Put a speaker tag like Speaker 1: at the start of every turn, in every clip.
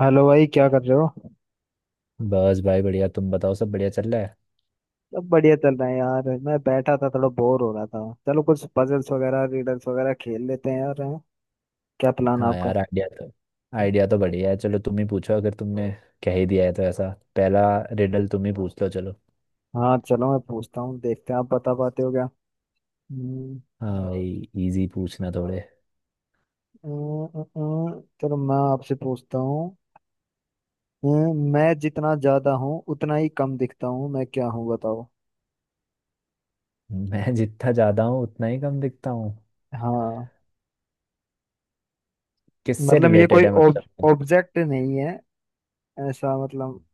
Speaker 1: Hello भाई, क्या कर रहे हो?
Speaker 2: बस भाई बढ़िया। तुम बताओ, सब बढ़िया चल रहा है?
Speaker 1: सब बढ़िया चल रहा है यार। मैं बैठा था, थोड़ा बोर हो रहा था। चलो कुछ पजल्स वगैरह रीडल्स वगैरह खेल लेते हैं यार, हैं? क्या प्लान है
Speaker 2: हाँ
Speaker 1: आपका?
Speaker 2: यार, आइडिया तो बढ़िया है। चलो तुम ही पूछो, अगर तुमने कह ही दिया है तो। ऐसा पहला रिडल तुम ही पूछ लो चलो।
Speaker 1: हाँ चलो, मैं पूछता हूँ। देखते हैं आप बता पाते हो क्या। हम्म,
Speaker 2: हाँ भाई, इजी पूछना थोड़े।
Speaker 1: चलो मैं आपसे पूछता हूँ। अ, मैं जितना ज्यादा हूँ उतना ही कम दिखता हूँ। मैं क्या हूँ बताओ।
Speaker 2: मैं जितना ज्यादा हूँ उतना ही कम दिखता हूँ।
Speaker 1: हाँ
Speaker 2: किससे
Speaker 1: मतलब, ये
Speaker 2: रिलेटेड
Speaker 1: कोई
Speaker 2: है मतलब?
Speaker 1: ऑब्जेक्ट नहीं है, ऐसा मतलब।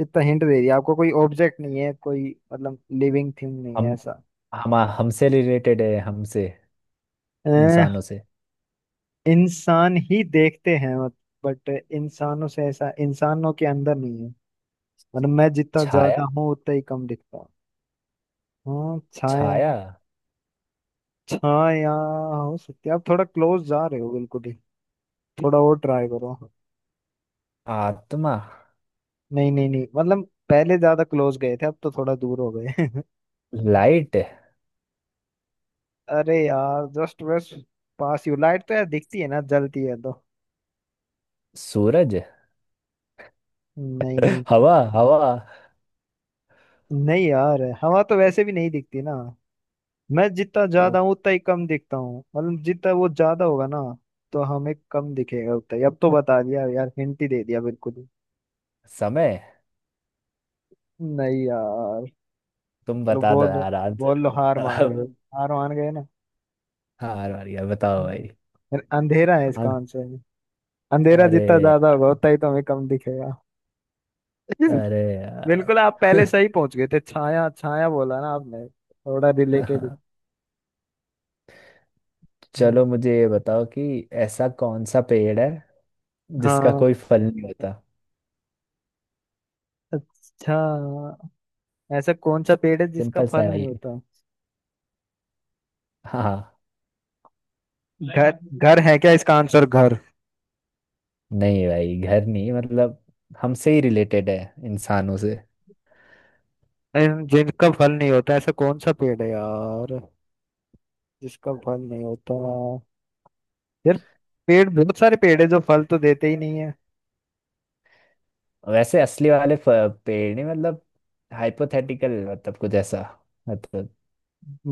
Speaker 1: इतना हिंट दे दिया आपको, कोई ऑब्जेक्ट नहीं है, कोई मतलब लिविंग थिंग नहीं है,
Speaker 2: हम
Speaker 1: ऐसा।
Speaker 2: हम हमसे रिलेटेड है, हमसे, इंसानों से।
Speaker 1: इंसान ही देखते हैं, बट इंसानों से ऐसा, इंसानों के अंदर नहीं है मतलब। मैं जितना
Speaker 2: छाया।
Speaker 1: ज्यादा हूँ उतना ही कम दिखता हूँ। हाँ छाया।
Speaker 2: छाया।
Speaker 1: छाया हो सकती है, आप थोड़ा क्लोज जा रहे हो, बिल्कुल ही। थोड़ा और ट्राई करो।
Speaker 2: आत्मा।
Speaker 1: नहीं नहीं नहीं, मतलब पहले ज्यादा क्लोज गए थे, अब तो थोड़ा दूर हो गए।
Speaker 2: लाइट।
Speaker 1: अरे यार, जस्ट बस पास यू। लाइट तो यार दिखती है ना, जलती है तो।
Speaker 2: सूरज।
Speaker 1: नहीं नहीं
Speaker 2: हवा हवा
Speaker 1: नहीं, यार हवा तो वैसे भी नहीं दिखती ना। मैं जितना
Speaker 2: तो।
Speaker 1: ज्यादा हूँ उतना ही कम दिखता हूँ मतलब, जितना वो ज्यादा होगा ना, तो हमें कम दिखेगा उतना ही। अब तो बता दिया यार, हिंट ही दे दिया बिल्कुल ही।
Speaker 2: समय।
Speaker 1: नहीं यार।
Speaker 2: तुम
Speaker 1: चलो
Speaker 2: बता दो
Speaker 1: बोल लो।
Speaker 2: यार
Speaker 1: बोल लो, हार मान गए?
Speaker 2: आंसर।
Speaker 1: हार मान गए ना?
Speaker 2: हार वाली है, बताओ भाई।
Speaker 1: फिर अंधेरा है इसका
Speaker 2: हाँ,
Speaker 1: आंसर। अंधेरा जितना
Speaker 2: अरे।
Speaker 1: ज्यादा होगा उतना ही तो हमें कम दिखेगा।
Speaker 2: अरे यार।
Speaker 1: बिल्कुल, आप पहले सही पहुंच गए थे। छाया, छाया बोला ना आपने, थोड़ा रिलेटेड।
Speaker 2: चलो मुझे ये बताओ कि ऐसा कौन सा पेड़ है जिसका
Speaker 1: हाँ।
Speaker 2: कोई फल नहीं होता।
Speaker 1: अच्छा, ऐसा कौन सा पेड़ है जिसका
Speaker 2: सिंपल सा
Speaker 1: फल
Speaker 2: है भाई
Speaker 1: नहीं
Speaker 2: ये।
Speaker 1: होता?
Speaker 2: हाँ।
Speaker 1: घर? घर है क्या इसका आंसर, घर?
Speaker 2: नहीं भाई, घर नहीं। मतलब हमसे ही रिलेटेड है, इंसानों से।
Speaker 1: अरे, जिनका फल नहीं होता, ऐसा कौन सा पेड़ है यार जिसका फल नहीं होता? यार पेड़, बहुत सारे पेड़ है जो फल तो देते ही नहीं है।
Speaker 2: वैसे पेड़ नहीं, मतलब हाइपोथेटिकल। मतलब कुछ ऐसा मतलब।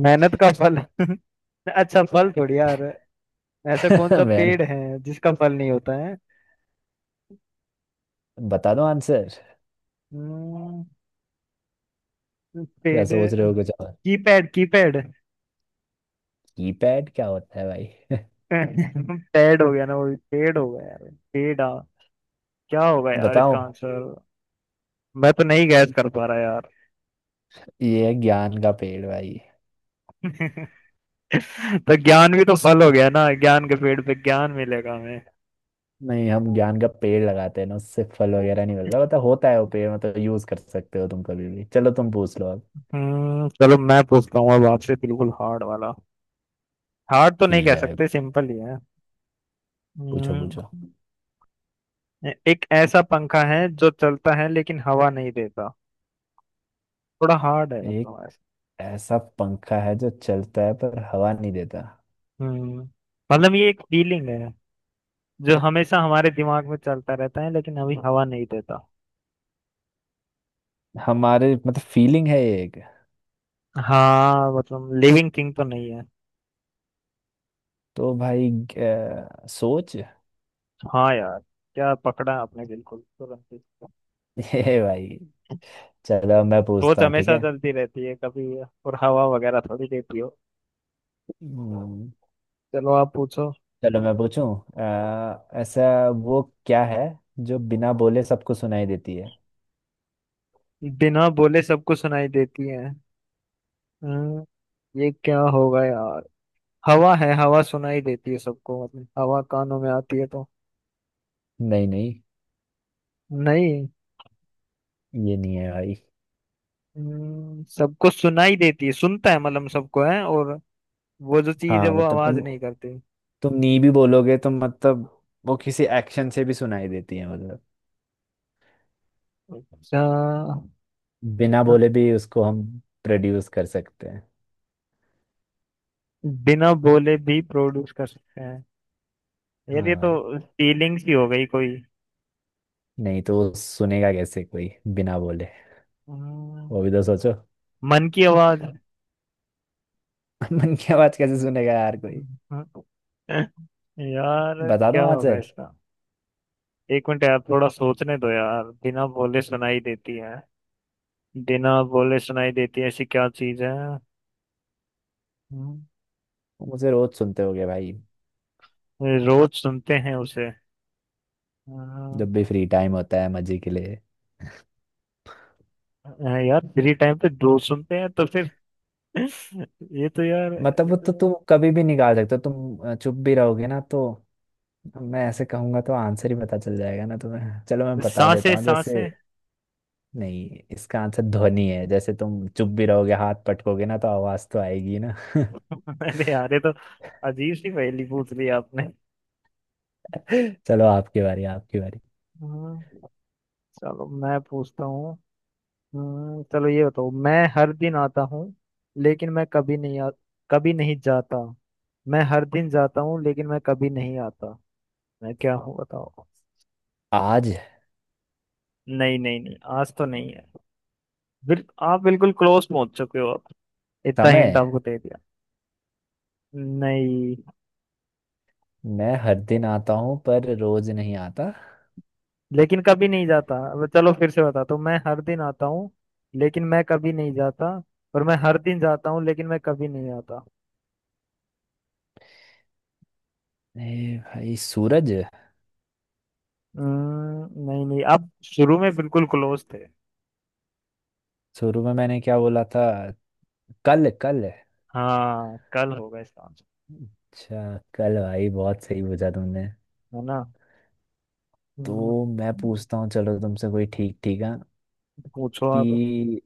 Speaker 1: मेहनत का फल? अच्छा फल थोड़ी यार। ऐसा कौन सा
Speaker 2: मैंने
Speaker 1: पेड़ है जिसका फल नहीं होता है?
Speaker 2: बता दो आंसर।
Speaker 1: हम्म,
Speaker 2: या सोच
Speaker 1: पेड़।
Speaker 2: रहे हो कुछ और?
Speaker 1: Keypad, keypad.
Speaker 2: कीपैड क्या होता है भाई?
Speaker 1: पैड हो गया ना वो भी, पेड़ हो गया यार। पेड़ आ, क्या होगा यार
Speaker 2: बताओ।
Speaker 1: इसका आंसर। मैं तो नहीं गैस कर पा रहा यार।
Speaker 2: ये है ज्ञान का पेड़ भाई।
Speaker 1: तो ज्ञान भी तो फल हो गया ना, ज्ञान के पेड़ पे ज्ञान मिलेगा हमें।
Speaker 2: नहीं, हम ज्ञान का पेड़ लगाते हैं ना, उससे फल वगैरह नहीं मिलता। मतलब होता है वो पेड़, मतलब यूज कर सकते हो तुम कभी भी। चलो तुम पूछ लो अब।
Speaker 1: चलो, मैं पूछता हूँ अब आपसे बिल्कुल हार्ड वाला। हार्ड तो नहीं
Speaker 2: ठीक
Speaker 1: कह
Speaker 2: है,
Speaker 1: सकते, सिंपल ही है।
Speaker 2: पूछो
Speaker 1: हम्म
Speaker 2: पूछो।
Speaker 1: एक ऐसा पंखा है जो चलता है लेकिन हवा नहीं देता। थोड़ा हार्ड है
Speaker 2: एक
Speaker 1: मतलब, ऐसा।
Speaker 2: ऐसा पंखा है जो चलता है पर हवा नहीं देता।
Speaker 1: हम्म मतलब ये एक फीलिंग है, जो हमेशा हमारे दिमाग में चलता रहता है लेकिन अभी हवा नहीं देता।
Speaker 2: हमारे मतलब फीलिंग है ये एक।
Speaker 1: हाँ मतलब, लिविंग थिंग तो नहीं है।
Speaker 2: तो भाई सोच।
Speaker 1: हाँ यार, क्या पकड़ा आपने बिल्कुल तुरंत ही।
Speaker 2: ये भाई। चलो मैं पूछता
Speaker 1: सोच
Speaker 2: हूँ, ठीक
Speaker 1: हमेशा
Speaker 2: है।
Speaker 1: चलती रहती है कभी, और हवा वगैरह थोड़ी देती हो।
Speaker 2: हम्म,
Speaker 1: चलो आप पूछो।
Speaker 2: चलो मैं पूछूं। ऐसा वो क्या है जो बिना बोले सबको सुनाई देती है?
Speaker 1: बिना बोले सबको सुनाई देती है। हम्म, ये क्या होगा यार। हवा है, हवा सुनाई देती है सबको मतलब, हवा कानों में आती है तो।
Speaker 2: नहीं नहीं,
Speaker 1: नहीं।
Speaker 2: ये नहीं है भाई।
Speaker 1: सबको सुनाई देती है, सुनता है मतलब सबको है, और वो जो चीज है
Speaker 2: हाँ
Speaker 1: वो
Speaker 2: मतलब
Speaker 1: आवाज
Speaker 2: तुम
Speaker 1: नहीं करती।
Speaker 2: तुम नी भी बोलोगे तो, मतलब वो किसी एक्शन से भी सुनाई देती है। मतलब
Speaker 1: अच्छा।
Speaker 2: बिना
Speaker 1: हाँ।
Speaker 2: बोले भी उसको हम प्रोड्यूस कर सकते हैं।
Speaker 1: बिना बोले भी प्रोड्यूस कर सकते हैं? यार
Speaker 2: हाँ
Speaker 1: ये तो
Speaker 2: भाई,
Speaker 1: फीलिंग्स ही हो गई कोई।
Speaker 2: नहीं तो वो सुनेगा कैसे कोई बिना बोले?
Speaker 1: हम्म,
Speaker 2: वो भी तो सोचो।
Speaker 1: मन की आवाज।
Speaker 2: मन की आवाज कैसे सुनेगा यार कोई?
Speaker 1: यार
Speaker 2: बता
Speaker 1: क्या
Speaker 2: दो
Speaker 1: होगा
Speaker 2: आंसर।
Speaker 1: इसका। एक मिनट यार, थोड़ा सोचने दो यार। बिना बोले सुनाई देती है, बिना बोले सुनाई देती है ऐसी क्या चीज है। हम्म,
Speaker 2: वो मुझे रोज सुनते होगे भाई।
Speaker 1: रोज सुनते हैं उसे। हाँ।
Speaker 2: जब भी फ्री टाइम होता है मजे के लिए।
Speaker 1: हाँ, यार फ्री टाइम पे रोज सुनते हैं तो फिर? ये तो यार।
Speaker 2: मतलब वो तो तुम कभी भी निकाल सकते हो। चुप भी रहोगे ना तो। मैं ऐसे कहूंगा तो आंसर ही पता चल जाएगा ना तुम्हें। चलो मैं बता देता
Speaker 1: सांसें,
Speaker 2: हूँ। जैसे,
Speaker 1: सांसें।
Speaker 2: नहीं, इसका आंसर ध्वनि है। जैसे तुम चुप भी रहोगे, हाथ पटकोगे ना तो आवाज तो आएगी ना।
Speaker 1: अरे यार, ये तो अजीब सी पहेली पूछ ली आपने।
Speaker 2: चलो आपकी बारी, आपकी बारी।
Speaker 1: हाँ, चलो मैं पूछता हूँ। चलो ये बताओ, मैं हर दिन आता हूँ लेकिन मैं कभी नहीं कभी नहीं जाता। मैं हर दिन जाता हूँ लेकिन मैं कभी नहीं आता। मैं क्या हूँ बताओ।
Speaker 2: आज।
Speaker 1: नहीं नहीं नहीं, आज तो नहीं है। आप बिल्कुल क्लोज पहुंच चुके हो आप, इतना हिंट
Speaker 2: समय।
Speaker 1: आपको दे दिया। नहीं,
Speaker 2: मैं हर दिन आता हूँ पर रोज नहीं आता।
Speaker 1: लेकिन कभी नहीं जाता। अब चलो फिर से बताता हूँ, मैं हर दिन आता हूँ लेकिन मैं कभी नहीं जाता, और मैं हर दिन जाता हूँ लेकिन मैं कभी नहीं आता।
Speaker 2: ए भाई, सूरज।
Speaker 1: नहीं नहीं, आप शुरू में बिल्कुल क्लोज थे।
Speaker 2: शुरू में मैंने क्या बोला था? कल कल
Speaker 1: हाँ, कल होगा इसका आंसर,
Speaker 2: अच्छा कल। भाई बहुत सही बुझा तुमने।
Speaker 1: है ना। हम्म,
Speaker 2: तो मैं पूछता हूँ चलो तुमसे कोई, ठीक ठीक है।
Speaker 1: पूछो आप।
Speaker 2: कि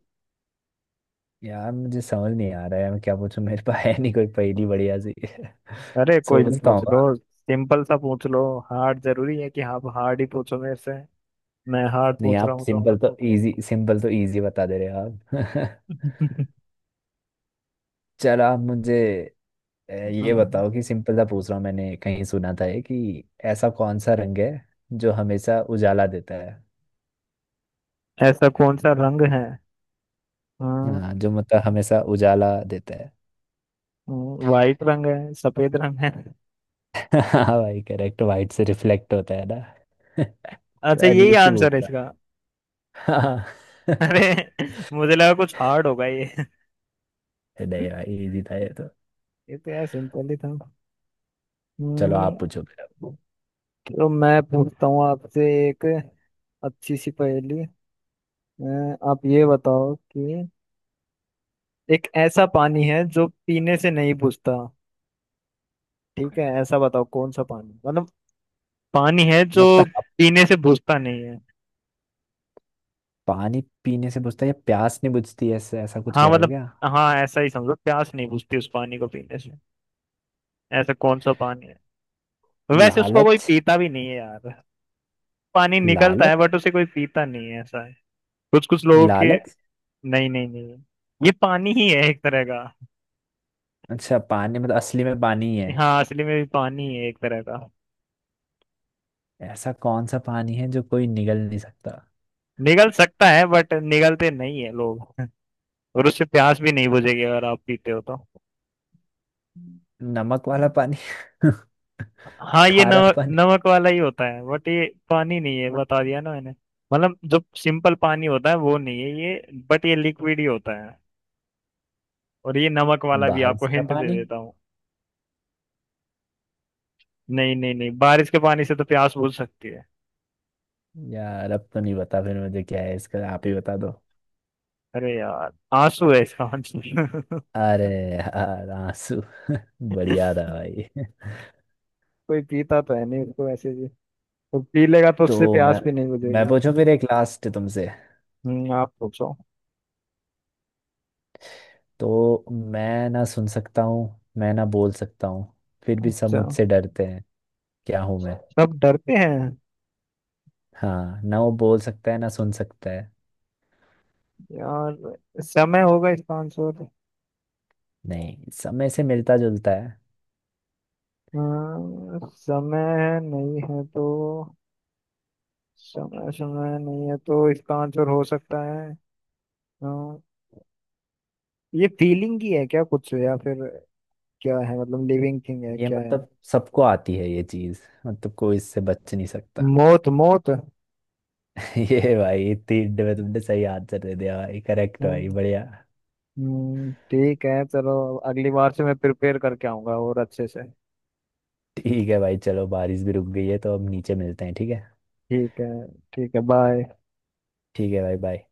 Speaker 2: यार मुझे समझ नहीं आ रहा है मैं क्या पूछूं, मेरे पास है नहीं कोई पहेली बढ़िया सी।
Speaker 1: अरे कोई भी
Speaker 2: सोचता
Speaker 1: पूछ
Speaker 2: हूँ।
Speaker 1: लो, सिंपल सा पूछ लो। हार्ड जरूरी है कि आप हार्ड ही पूछो मेरे से? मैं हार्ड
Speaker 2: नहीं
Speaker 1: पूछ रहा
Speaker 2: आप
Speaker 1: हूँ तो।
Speaker 2: सिंपल तो इजी बता दे रहे हो आप। चलो आप मुझे ये बताओ कि, सिंपल सा पूछ रहा हूँ, मैंने कहीं सुना था ये कि ऐसा कौन सा रंग है जो हमेशा उजाला देता है?
Speaker 1: ऐसा कौन सा रंग है? हाँ,
Speaker 2: हाँ, जो मतलब हमेशा उजाला देता है।
Speaker 1: वाइट रंग है, सफेद रंग है।
Speaker 2: हाँ भाई करेक्ट, वाइट से रिफ्लेक्ट होता है ना।
Speaker 1: अच्छा, यही
Speaker 2: अजीब सी भूत
Speaker 1: आंसर है
Speaker 2: था।
Speaker 1: इसका?
Speaker 2: हाँ।
Speaker 1: अरे, मुझे लगा कुछ हार्ड होगा ये।
Speaker 2: नहीं भाई, इजी था ये तो।
Speaker 1: ये तो यार सिंपल ही था।
Speaker 2: चलो आप
Speaker 1: हम्म,
Speaker 2: पूछो फिर अब।
Speaker 1: तो मैं पूछता हूँ आपसे एक अच्छी सी पहेली। अ, आप ये बताओ कि एक ऐसा पानी है जो पीने से नहीं बुझता। ठीक है, ऐसा बताओ कौन सा पानी मतलब, पानी है जो
Speaker 2: मतलब आप
Speaker 1: पीने से बुझता नहीं है।
Speaker 2: पानी पीने से बुझता है या प्यास नहीं बुझती है, ऐसा ऐसा कुछ
Speaker 1: हाँ
Speaker 2: कह रहे हो
Speaker 1: मतलब,
Speaker 2: क्या?
Speaker 1: हाँ ऐसा ही समझो, प्यास नहीं बुझती उस पानी को पीने से। ऐसा कौन सा पानी है? वैसे उसको कोई
Speaker 2: लालच।
Speaker 1: पीता भी नहीं है यार। पानी निकलता है
Speaker 2: लालच।
Speaker 1: बट उसे कोई पीता नहीं है, ऐसा है। कुछ कुछ लोगों के।
Speaker 2: लालच।
Speaker 1: नहीं नहीं नहीं, ये पानी ही है एक तरह का।
Speaker 2: अच्छा पानी, मतलब असली में पानी ही है?
Speaker 1: हाँ, असली में भी पानी ही है एक तरह का।
Speaker 2: ऐसा कौन सा पानी है जो कोई निगल नहीं सकता?
Speaker 1: निगल सकता है बट निगलते नहीं है लोग, और उससे प्यास भी नहीं बुझेगी अगर आप पीते हो तो।
Speaker 2: नमक वाला पानी।
Speaker 1: हाँ, ये
Speaker 2: खारा
Speaker 1: नमक,
Speaker 2: पानी।
Speaker 1: नमक वाला ही होता है बट ये पानी नहीं है, बता दिया ना मैंने। मतलब जो सिंपल पानी होता है वो नहीं है ये, बट ये लिक्विड ही होता है। और ये नमक वाला भी,
Speaker 2: बारिश
Speaker 1: आपको
Speaker 2: का
Speaker 1: हिंट दे
Speaker 2: पानी।
Speaker 1: देता हूँ। नहीं नहीं नहीं, बारिश के पानी से तो प्यास बुझ सकती है।
Speaker 2: यार अब तो नहीं पता फिर मुझे, क्या है इसका आप ही बता दो।
Speaker 1: अरे यार, आंसू है इसका, आंसू।
Speaker 2: अरे यार आंसू। बढ़िया था भाई।
Speaker 1: कोई पीता तो है नहीं उसको ऐसे भी, तो पी लेगा तो उससे
Speaker 2: तो मैं
Speaker 1: प्यास भी नहीं
Speaker 2: मैं
Speaker 1: बुझेगी।
Speaker 2: पूछूं फिर एक लास्ट तुमसे।
Speaker 1: आप पूछो।
Speaker 2: तो मैं ना सुन सकता हूँ, मैं ना बोल सकता हूँ, फिर भी सब
Speaker 1: अच्छा,
Speaker 2: मुझसे डरते हैं। क्या हूं मैं?
Speaker 1: सब डरते हैं?
Speaker 2: हाँ, ना वो बोल सकता है ना सुन सकता है।
Speaker 1: यार समय होगा इसका आंसर।
Speaker 2: नहीं, समय से मिलता जुलता है।
Speaker 1: हाँ, समय है, नहीं है तो समय, समय नहीं है तो इसका आंसर हो सकता है। हाँ, ये फीलिंग ही है क्या कुछ, या फिर क्या है मतलब, लिविंग थिंग है,
Speaker 2: ये
Speaker 1: क्या है?
Speaker 2: मतलब सबको आती है ये चीज, मतलब कोई इससे बच नहीं सकता।
Speaker 1: मौत, मौत।
Speaker 2: ये भाई, इतनी हिंट में तुमने सही आंसर दे दिया भाई। करेक्ट भाई,
Speaker 1: हम्म,
Speaker 2: बढ़िया।
Speaker 1: ठीक है चलो। अगली बार से मैं प्रिपेयर करके आऊंगा और अच्छे से।
Speaker 2: ठीक है भाई, चलो बारिश भी रुक गई है तो अब नीचे मिलते हैं, ठीक है।
Speaker 1: ठीक है। ठीक है, बाय।
Speaker 2: ठीक है भाई, बाय।